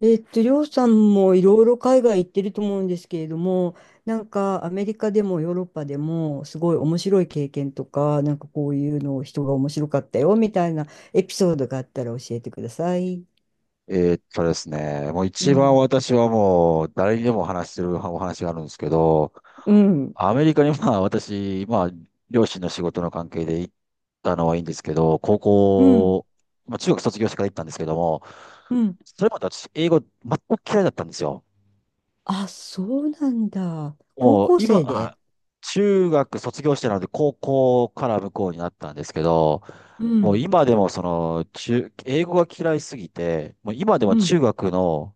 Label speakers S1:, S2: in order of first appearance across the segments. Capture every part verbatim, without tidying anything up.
S1: えっと、りょうさんもいろいろ海外行ってると思うんですけれども、なんかアメリカでもヨーロッパでもすごい面白い経験とか、なんかこういうのを人が面白かったよみたいなエピソードがあったら教えてください。
S2: えーっとですね、もう
S1: う
S2: 一番
S1: ん。
S2: 私はもう誰にでも話してるお話があるんですけど、
S1: うん。
S2: アメリカにまあ私、まあ両親の仕事の関係で行ったのはいいんですけど、高
S1: うん。
S2: 校、まあ中学卒業してから行ったんですけども、
S1: うん。
S2: それまで私英語全く嫌いだったんですよ。
S1: あ、そうなんだ。高
S2: もう
S1: 校
S2: 今、
S1: 生
S2: はい
S1: で。
S2: 中学卒業してなので高校から向こうになったんですけど、
S1: う
S2: もう
S1: ん。
S2: 今でもその中、英語が嫌いすぎて、もう今で
S1: う
S2: も
S1: ん。
S2: 中学の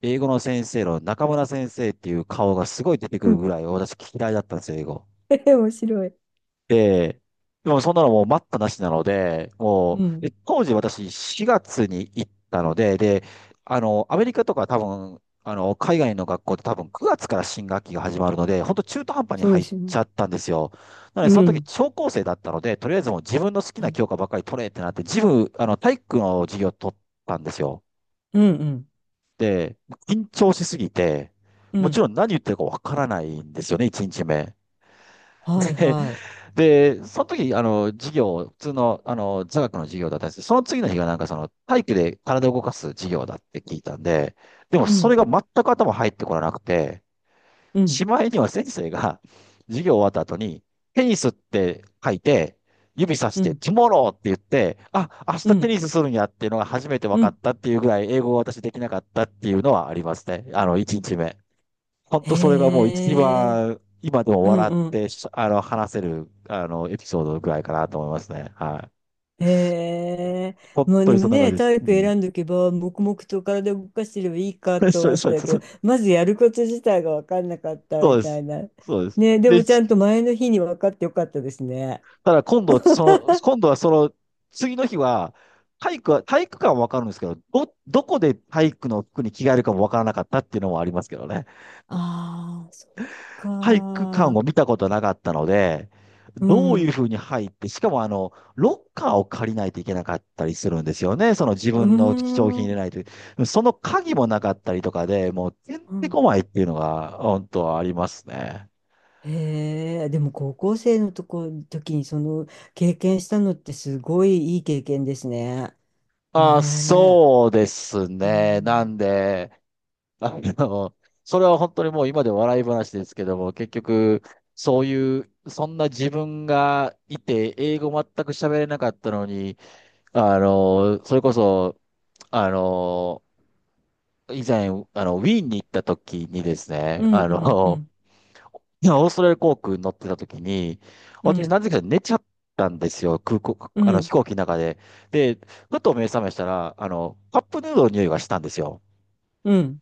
S2: 英語の先生の中村先生っていう顔がすごい出てく
S1: う
S2: る
S1: ん。
S2: ぐらい私嫌いだったんですよ、英語。
S1: 面白い。
S2: で、でもそんなのもう待ったなしなので、も
S1: う
S2: う、
S1: ん。
S2: で当時私しがつに行ったので、で、あの、アメリカとか多分、あの、海外の学校って多分くがつから新学期が始まるので、本当中途半端に
S1: そう
S2: 入
S1: で
S2: っ
S1: す
S2: ち
S1: ね。
S2: ゃったんですよ。なので、
S1: う
S2: その時、
S1: ん。
S2: 超高生だったので、とりあえずもう自分の好き
S1: う
S2: な
S1: ん。
S2: 教科ばっかり取れってなって、自分、あの、体育の授業取ったんですよ。
S1: うん。うん。
S2: で、緊張しすぎて、
S1: う
S2: もち
S1: ん
S2: ろん何言ってるかわからないんですよね、いちにちめ。
S1: はいはい。
S2: で、その時、あの、授業、普通の、あの、座学の授業だったんですけど、その次の日がなんかその、体育で体を動かす授業だって聞いたんで、でも
S1: う
S2: それ
S1: ん。
S2: が全く頭入ってこらなくて、
S1: うん。
S2: しまいには先生が、授業終わった後に、テニスって書いて、指さし
S1: う
S2: て、
S1: ん。
S2: トゥモローって言って、あ、明日
S1: う
S2: テ
S1: ん。
S2: ニスするんやっていうのが初めて分
S1: う
S2: かっ
S1: ん
S2: たっていうぐらい、英語を私できなかったっていうのはありますね。あの、いちにちめ。本
S1: へ
S2: 当それがもう一
S1: え、
S2: 番、今でも
S1: うん
S2: 笑っ
S1: うん。
S2: てし、あの、話せる、あの、エピソードぐらいかなと思いますね。はい。
S1: へえ、
S2: 本
S1: まあ
S2: 当
S1: で
S2: に
S1: も
S2: そんな感
S1: ね、
S2: じです。
S1: 体
S2: う
S1: 育
S2: ん。
S1: 選んどけば、黙々と体動かしてればいい か
S2: そう
S1: と
S2: そ
S1: 思
S2: う
S1: っ
S2: そう
S1: た
S2: そ
S1: け
S2: う
S1: ど、まずやること自体が分かんなかった
S2: そう
S1: み
S2: で
S1: たい
S2: す。
S1: な。
S2: そうです。
S1: ね、で
S2: で、
S1: もちゃんと前の日に分かってよかったですね。
S2: ただ今度、その、今度はその、次の日は、体育は、体育館はわかるんですけど、ど、どこで体育の服に着替えるかもわからなかったっていうのもありますけどね。
S1: ああ、そっ
S2: 体育館
S1: か。
S2: を見たことなかったので、
S1: う
S2: どう
S1: ん。
S2: いう
S1: う
S2: ふうに入って、しかもあの、ロッカーを借りないといけなかったりするんですよね。その自分
S1: ー
S2: の貴重品入れ
S1: ん。
S2: ないと。その鍵もなかったりとかで、もうてん
S1: う
S2: て
S1: ん
S2: こまいっていうのが、本当はありますね。
S1: へえ、でも高校生のとこ、時にその経験したのってすごいいい経験ですね。
S2: あ、
S1: ねえ。
S2: そうです
S1: う
S2: ね。なん
S1: ん
S2: で、あの、それは本当にもう今で笑い話ですけども、結局、そういう、そんな自分がいて、英語全く喋れなかったのに、あの、それこそ、あの、以前、あの、ウィーンに行った時にですね、
S1: うん
S2: あ
S1: うんう
S2: の、
S1: ん
S2: いやオーストラリア航空に乗ってた時に、
S1: う
S2: 私
S1: ん
S2: なぜか寝ちゃったんですよ、空港、
S1: う
S2: あの、飛
S1: ん
S2: 行機の中で。で、ふと目覚めしたら、あの、カップヌードルの匂いがしたんですよ。
S1: うん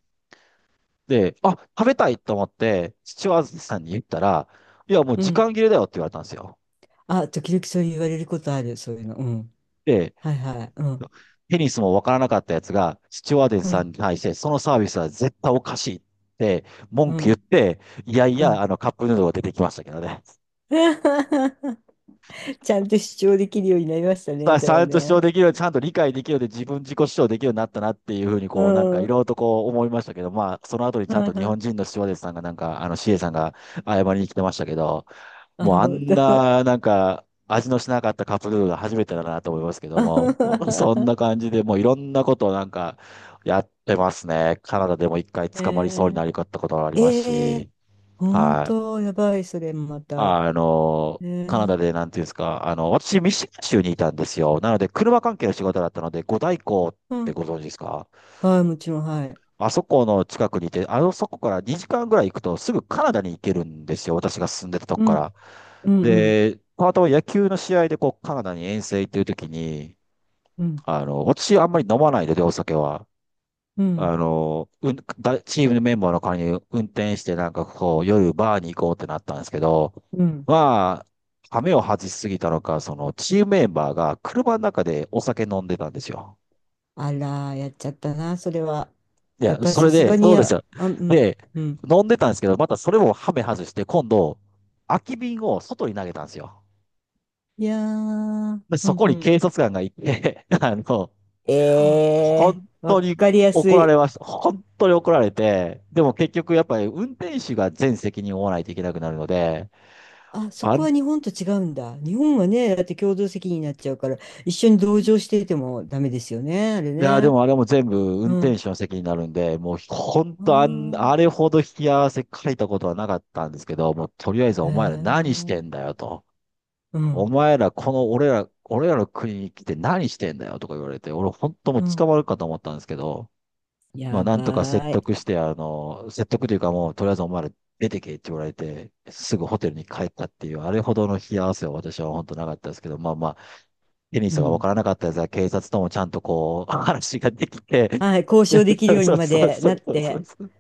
S2: で、あ、食べたいと思って、父親さんに言ったら、いや、もう
S1: う
S2: 時
S1: ん
S2: 間切れだよって言われたんですよ。
S1: あ、時々そう言われることある、そういうの。うん。
S2: で、
S1: はいはい。うん
S2: テニスもわからなかったやつが、シチュワーデン
S1: う
S2: さん
S1: ん
S2: に対して、そのサービスは絶対おかしいって文
S1: う
S2: 句言っ
S1: ん
S2: て、いやい
S1: う
S2: や、
S1: ん。
S2: あの、カップヌードルが出てきましたけどね。
S1: ちゃんと主張できるようになりましたね、
S2: さ
S1: じ
S2: ち
S1: ゃあ
S2: ゃんと主張
S1: ね。
S2: できるように、ちゃんと理解できるようで、自分自己主張できるようになったなっていうふうに、
S1: う
S2: こう、なんか
S1: ん。
S2: い
S1: は
S2: ろいろとこう思いましたけど、まあ、その後に
S1: い
S2: ちゃんと日
S1: は
S2: 本
S1: い。
S2: 人のスチュワーデンさんが、なんか、あの、シエさんが謝りに来てましたけど、
S1: あ、
S2: もうあ
S1: 本
S2: ん
S1: 当。
S2: な、なんか、味のしなかったカップヌードルが初めてだなと思いますけども、もうそんな感 じでもういろんなことをなんかやってますね。カナダでも一回捕まりそ
S1: え
S2: うになりかったことがあり
S1: ー、
S2: ます
S1: えー、
S2: し、
S1: 本
S2: はい。
S1: 当、やばい、それまた。
S2: あの、
S1: え
S2: カナダ
S1: ー、
S2: でなんていうんですか、あの、私ミシガン州にいたんですよ。なので車関係の仕事だったので、五大湖っ
S1: う
S2: て
S1: ん。
S2: ご存知ですか。
S1: はい、もちろん、はい。
S2: あそこの近くにいて、あのそこからにじかんぐらい行くとすぐカナダに行けるんですよ。私が住んでたとこ
S1: う
S2: か
S1: ん
S2: ら。
S1: うんうん
S2: で、パートは野球の試合でこうカナダに遠征行ってる時に、
S1: うん
S2: あの、私あんまり飲まないので、お酒は。
S1: うん
S2: あの、うん、だチームのメンバーの代わりに運転してなんかこう夜バーに行こうってなったんですけど、
S1: うん。
S2: まあ、羽目を外しすぎたのか、そのチームメンバーが車の中でお酒飲んでたんですよ。
S1: あら、やっちゃったな、それは。
S2: い
S1: やっ
S2: や、
S1: ぱり
S2: そ
S1: さ
S2: れ
S1: す
S2: で、
S1: がに
S2: そうです
S1: や、
S2: よ。
S1: あ、うん、
S2: で、
S1: うん。
S2: 飲んでたんですけど、またそれもハメ外して、今度、空き瓶を外に投げたんですよ。
S1: いやー、
S2: で、
S1: う
S2: そ
S1: ん、
S2: こ
S1: う
S2: に警
S1: ん。
S2: 察官が行って、あの、
S1: え
S2: 本
S1: えー、わ
S2: 当に
S1: かりやす
S2: 怒られ
S1: い。
S2: ました。本当に怒られて、でも結局やっぱり運転手が全責任を負わないといけなくなるので、
S1: あ、そ
S2: あ
S1: こ
S2: ん、
S1: は日本と違うんだ。日本はね、だって共同責任になっちゃうから、一緒に同情していてもダメですよね、あれ
S2: いや、で
S1: ね。
S2: もあれも全部運
S1: う
S2: 転
S1: ん。
S2: 手の責任になるんで、もう本当あん、
S1: あ
S2: あれほど引き合わせ書いたことはなかったんですけど、もうとりあえず
S1: あへ
S2: お前ら何してんだ
S1: え、
S2: よと。
S1: う
S2: お
S1: ん、
S2: 前ら、この俺ら、俺らの国に来て何してんだよとか言われて、俺本当もう
S1: うん。
S2: 捕まるかと思ったんですけど、まあ
S1: や
S2: なんとか
S1: ば
S2: 説
S1: ーい。
S2: 得して、あの、説得というかもうとりあえずお前ら出てけって言われて、すぐホテルに帰ったっていう、あれほどの冷や汗は私は本当なかったですけど、まあまあ、テニ
S1: う
S2: スがわか
S1: ん。
S2: らなかったやつは警察ともちゃんとこう、話ができて、
S1: はい、交渉できる ように
S2: そう
S1: ま
S2: そう
S1: で
S2: そ
S1: なっ
S2: うそうそう
S1: て、
S2: そう。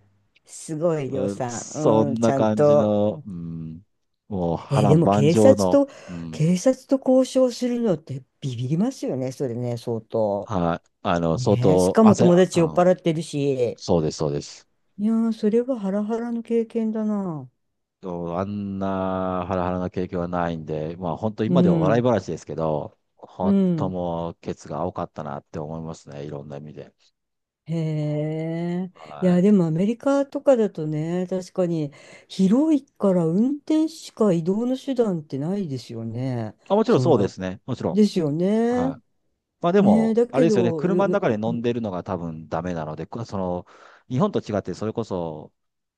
S1: すごい、りょう
S2: そ
S1: さ
S2: そ
S1: ん。うん、
S2: ん
S1: ち
S2: な
S1: ゃん
S2: 感じ
S1: と。
S2: の、うん、もう波
S1: えーで
S2: 乱
S1: も
S2: 万
S1: 警
S2: 丈
S1: 察
S2: の、
S1: と、
S2: うん。
S1: 警察と交渉するのってビビりますよね、それね、相当。
S2: はい。あの、相
S1: ねえ、し
S2: 当、
S1: かも
S2: 汗、
S1: 友達酔っ
S2: うん、
S1: 払ってるし。
S2: そうです、そうです。
S1: いやー、それはハラハラの経験だな。
S2: そうあんなハラハラな経験はないんで、まあ本当
S1: う
S2: 今では笑い
S1: ん、
S2: 話ですけど、
S1: う
S2: 本当
S1: ん。
S2: もうケツが青かったなって思いますね。いろんな意味で。
S1: へえ。い
S2: は
S1: や、
S2: い。
S1: でもアメリカとかだとね、確かに広いから運転しか移動の手段ってないですよね。
S2: あ、もちろん
S1: そん
S2: そうで
S1: な、
S2: すね。もちろ
S1: ですよ
S2: ん。
S1: ね。
S2: はい。まあで
S1: ねえ、
S2: も、
S1: だ
S2: あ
S1: け
S2: れですよね。
S1: ど、
S2: 車の
S1: う
S2: 中で
S1: う
S2: 飲んでるのが多分ダメなので、こその、日本と違ってそれこそ、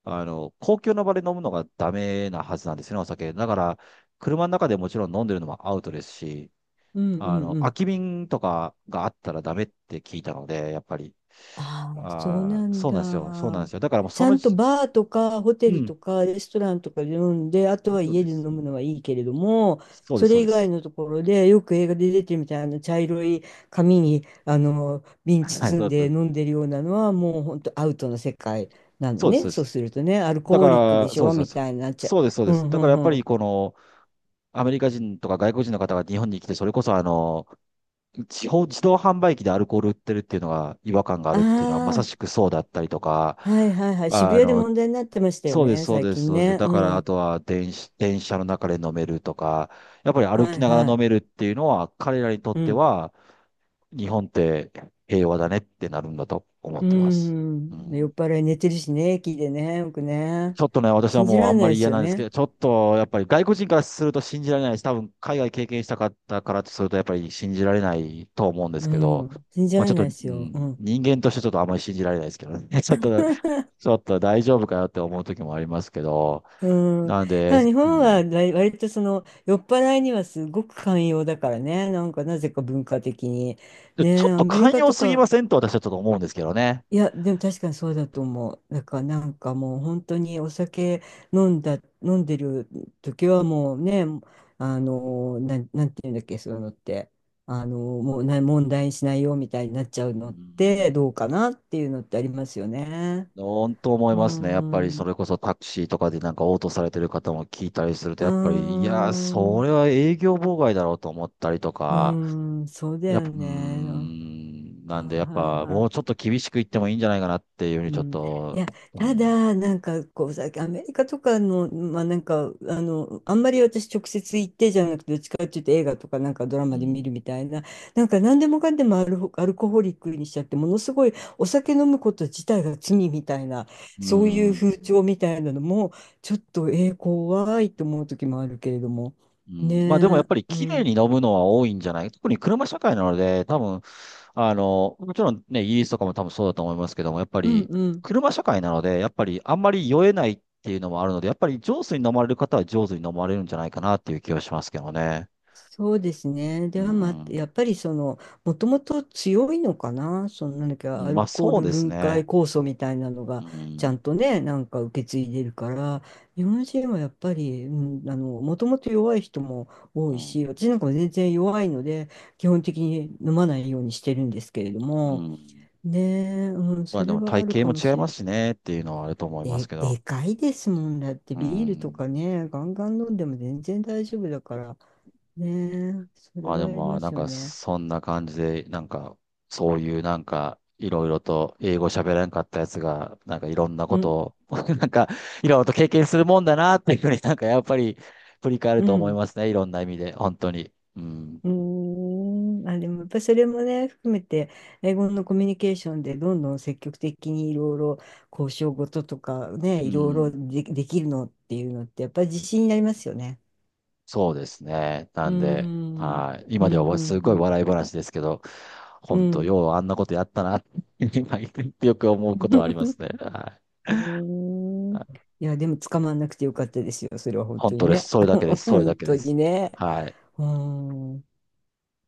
S2: あの、公共の場で飲むのがダメなはずなんですよね、お酒。だから、車の中でもちろん飲んでるのもアウトですし、
S1: うんう
S2: あ
S1: ん
S2: の、
S1: う
S2: 空
S1: ん。
S2: き瓶とかがあったらダメって聞いたので、やっぱり。
S1: ああ、そう
S2: あ
S1: な
S2: ー、
S1: ん
S2: そうなんですよ。そうなん
S1: だ。
S2: ですよ。だからもう
S1: ち
S2: そ
S1: ゃ
S2: の
S1: んと
S2: 時、
S1: バーとかホテ
S2: う
S1: ル
S2: ん、
S1: とかレストランとかで飲んで、あと
S2: も
S1: は
S2: ちろん
S1: 家
S2: で
S1: で飲
S2: す。
S1: むのはいいけれども、
S2: そうで
S1: そ
S2: す、そう
S1: れ以
S2: で
S1: 外
S2: す。
S1: のところでよく映画で出てるみたいな茶色い紙にあの瓶
S2: はい、
S1: 包
S2: そ
S1: ん
S2: うで
S1: で飲
S2: す。
S1: んでるようなのはもう本当アウトの世界なの
S2: そうです、そ
S1: ね。
S2: うで
S1: そう
S2: す。
S1: するとね、アル
S2: だ
S1: コ
S2: か
S1: ーリックで
S2: ら、
S1: し
S2: そうで
S1: ょ
S2: す、そうで
S1: み
S2: す。
S1: たいになっちゃ
S2: そうです、そう
S1: う。う
S2: です。
S1: んう
S2: だからやっぱ
S1: んう
S2: り
S1: ん。
S2: この、アメリカ人とか外国人の方が日本に来て、それこそあの、地方自動販売機でアルコール売ってるっていうのが違和感があるっていうのは、まさ
S1: あ
S2: しくそうだったりとか、
S1: あ、はいはいはい。渋
S2: あ
S1: 谷で
S2: の、
S1: 問題になってましたよ
S2: そうです、
S1: ね、
S2: そう
S1: 最
S2: です、
S1: 近
S2: そうです。
S1: ね。
S2: だ
S1: う
S2: から、あ
S1: ん。
S2: とは電子、電車の中で飲めるとか、やっぱり歩
S1: は
S2: き
S1: い
S2: なが
S1: は
S2: ら飲
S1: い。
S2: めるっていうのは、彼らにとっ
S1: う
S2: て
S1: ん。
S2: は、日本って平和だねってなるんだと思っ
S1: う
S2: てます。
S1: ん。
S2: う
S1: 酔
S2: ん、
S1: っ払い寝てるしね、駅でね、よくね。
S2: ちょっとね、私は
S1: 信じ
S2: もう
S1: ら
S2: あ
S1: れ
S2: ん
S1: な
S2: ま
S1: い
S2: り
S1: です
S2: 嫌
S1: よ
S2: なんですけ
S1: ね。
S2: ど、ちょっとやっぱり外国人からすると信じられないし、多分海外経験したかったからとすると、やっぱり信じられないと思うんです
S1: う
S2: けど、
S1: ん。信じ
S2: ま
S1: ら
S2: あち
S1: れ
S2: ょっ
S1: な
S2: と、
S1: い
S2: う
S1: ですよ。う
S2: ん、
S1: ん。
S2: 人間としてちょっとあんまり信じられないですけどね。ちょっと、ちょっと大丈夫かよって思う時もありますけど、
S1: うん。
S2: なんで、
S1: あ、日
S2: う
S1: 本は
S2: ん
S1: 割割とその酔っ払いにはすごく寛容だからね。なんかなぜか文化的に。
S2: で
S1: ね
S2: ちょ
S1: え、
S2: っ
S1: ア
S2: と
S1: メリ
S2: 寛
S1: カ
S2: 容
S1: と
S2: すぎ
S1: か
S2: ませんと私はちょっと思うんですけどね。
S1: いや、でも確かにそうだと思う。だからなんかもう本当にお酒飲んだ、飲んでる時はもうね、あの、なん、なんていうんだっけ、そういうのって、あの、もうな、問題にしないよみたいになっちゃう
S2: う
S1: のって
S2: ん。
S1: どうかなっていうのってありますよね。
S2: 本当思い
S1: うー
S2: ますね。やっぱりそ
S1: ん、
S2: れこそタクシーとかでなんか応答されてる方も聞いたりすると、
S1: うー
S2: やっぱり、いやー、
S1: ん、
S2: そ
S1: う
S2: れは営業妨害だろうと思ったりと
S1: ー
S2: か、
S1: ん、そうだ
S2: やっぱ、う
S1: よ
S2: ー
S1: ね。は
S2: ん、
S1: い
S2: なんでやっ
S1: はい
S2: ぱも
S1: は
S2: うちょっ
S1: い。
S2: と厳しく言ってもいいんじゃないかなっていうふうに
S1: う
S2: ちょっ
S1: ん、い
S2: と、
S1: や、
S2: う
S1: た
S2: ん、
S1: だ、なんかこうさ、アメリカとかの、まあなんか、あの、あんまり私直接行ってじゃなくて、どっちかっていうと映画とかなんかドラ
S2: う
S1: マで見
S2: ん、
S1: るみたいな、なんか何でもかんでもアルホ、アルコホリックにしちゃって、ものすごいお酒飲むこと自体が罪みたいな、
S2: う
S1: そういう
S2: ん。
S1: 風潮みたいなのも、ちょっと、えー、怖いと思う時もあるけれども。
S2: う
S1: ね
S2: ん、まあでもやっ
S1: え、
S2: ぱり
S1: う
S2: 綺麗に
S1: ん、
S2: 飲むのは多いんじゃない特に車社会なので、多分、あの、もちろんね、イギリスとかも多分そうだと思いますけども、やっぱ
S1: うん、
S2: り
S1: うん。
S2: 車社会なので、やっぱりあんまり酔えないっていうのもあるので、やっぱり上手に飲まれる方は上手に飲まれるんじゃないかなっていう気はしますけどね。
S1: そうですね。
S2: う
S1: では、まあ、や
S2: ん。
S1: っぱりその、もともと強いのかな、そのなんだっけ、
S2: う
S1: ア
S2: んま
S1: ル
S2: あ
S1: コー
S2: そう
S1: ル
S2: です
S1: 分
S2: ね。
S1: 解酵素みたいなのが、
S2: う
S1: ちゃ
S2: ん。
S1: んとね、なんか受け継いでるから、日本人はやっぱり、うん、あの、もともと弱い人も多
S2: う
S1: い
S2: ん。
S1: し、私なんかも全然弱いので、基本的に飲まないようにしてるんですけれど
S2: う
S1: も、
S2: ん。
S1: ねえ、うん、
S2: ま
S1: そ
S2: あで
S1: れ
S2: も
S1: はあ
S2: 体
S1: る
S2: 型
S1: かも
S2: も違
S1: し
S2: い
S1: れ
S2: ま
S1: ない。
S2: すしねっていうのはあると思います
S1: で、
S2: けど。
S1: でかいですもんだって、
S2: う
S1: ビールと
S2: ん。
S1: かね、ガンガン飲んでも全然大丈夫だから、ねえ、それ
S2: あ、で
S1: はあり
S2: もまあ、
S1: ま
S2: なん
S1: すよ
S2: か、
S1: ね。
S2: そんな感じで、なんか、そういうなんか、いろいろと英語喋らなかったやつが、なんかいろんなこ
S1: うん、
S2: とを、なんか、いろいろと経験するもんだなっていうふうになんか、やっぱり、振り返る
S1: う
S2: と思い
S1: ん、
S2: ますね。いろんな意味で、本当に。うん。
S1: うーん、あ、でもやっぱそれもね、含めて、英語のコミュニケーションでどんどん積極的にいろいろ交渉事とかね、
S2: う
S1: いろいろ
S2: ん。
S1: で、できるのっていうのって、やっぱり自信になりますよね。
S2: そうですね。な
S1: うー
S2: んで、
S1: ん、
S2: はい。
S1: う
S2: 今で
S1: ん、う
S2: はす
S1: ん、う
S2: ごい
S1: ん、
S2: 笑い話ですけど、
S1: う
S2: 本当、
S1: ん。
S2: ようあんなことやったなって、今よく思うことはあります ね。は
S1: うー
S2: い。
S1: ん。
S2: はい
S1: いや、でも捕まんなくてよかったですよ。それは本
S2: 本
S1: 当に
S2: 当です。
S1: ね。
S2: それだけで す。それだ
S1: 本
S2: け
S1: 当
S2: で
S1: に
S2: す。
S1: ね。
S2: はい。
S1: うーん。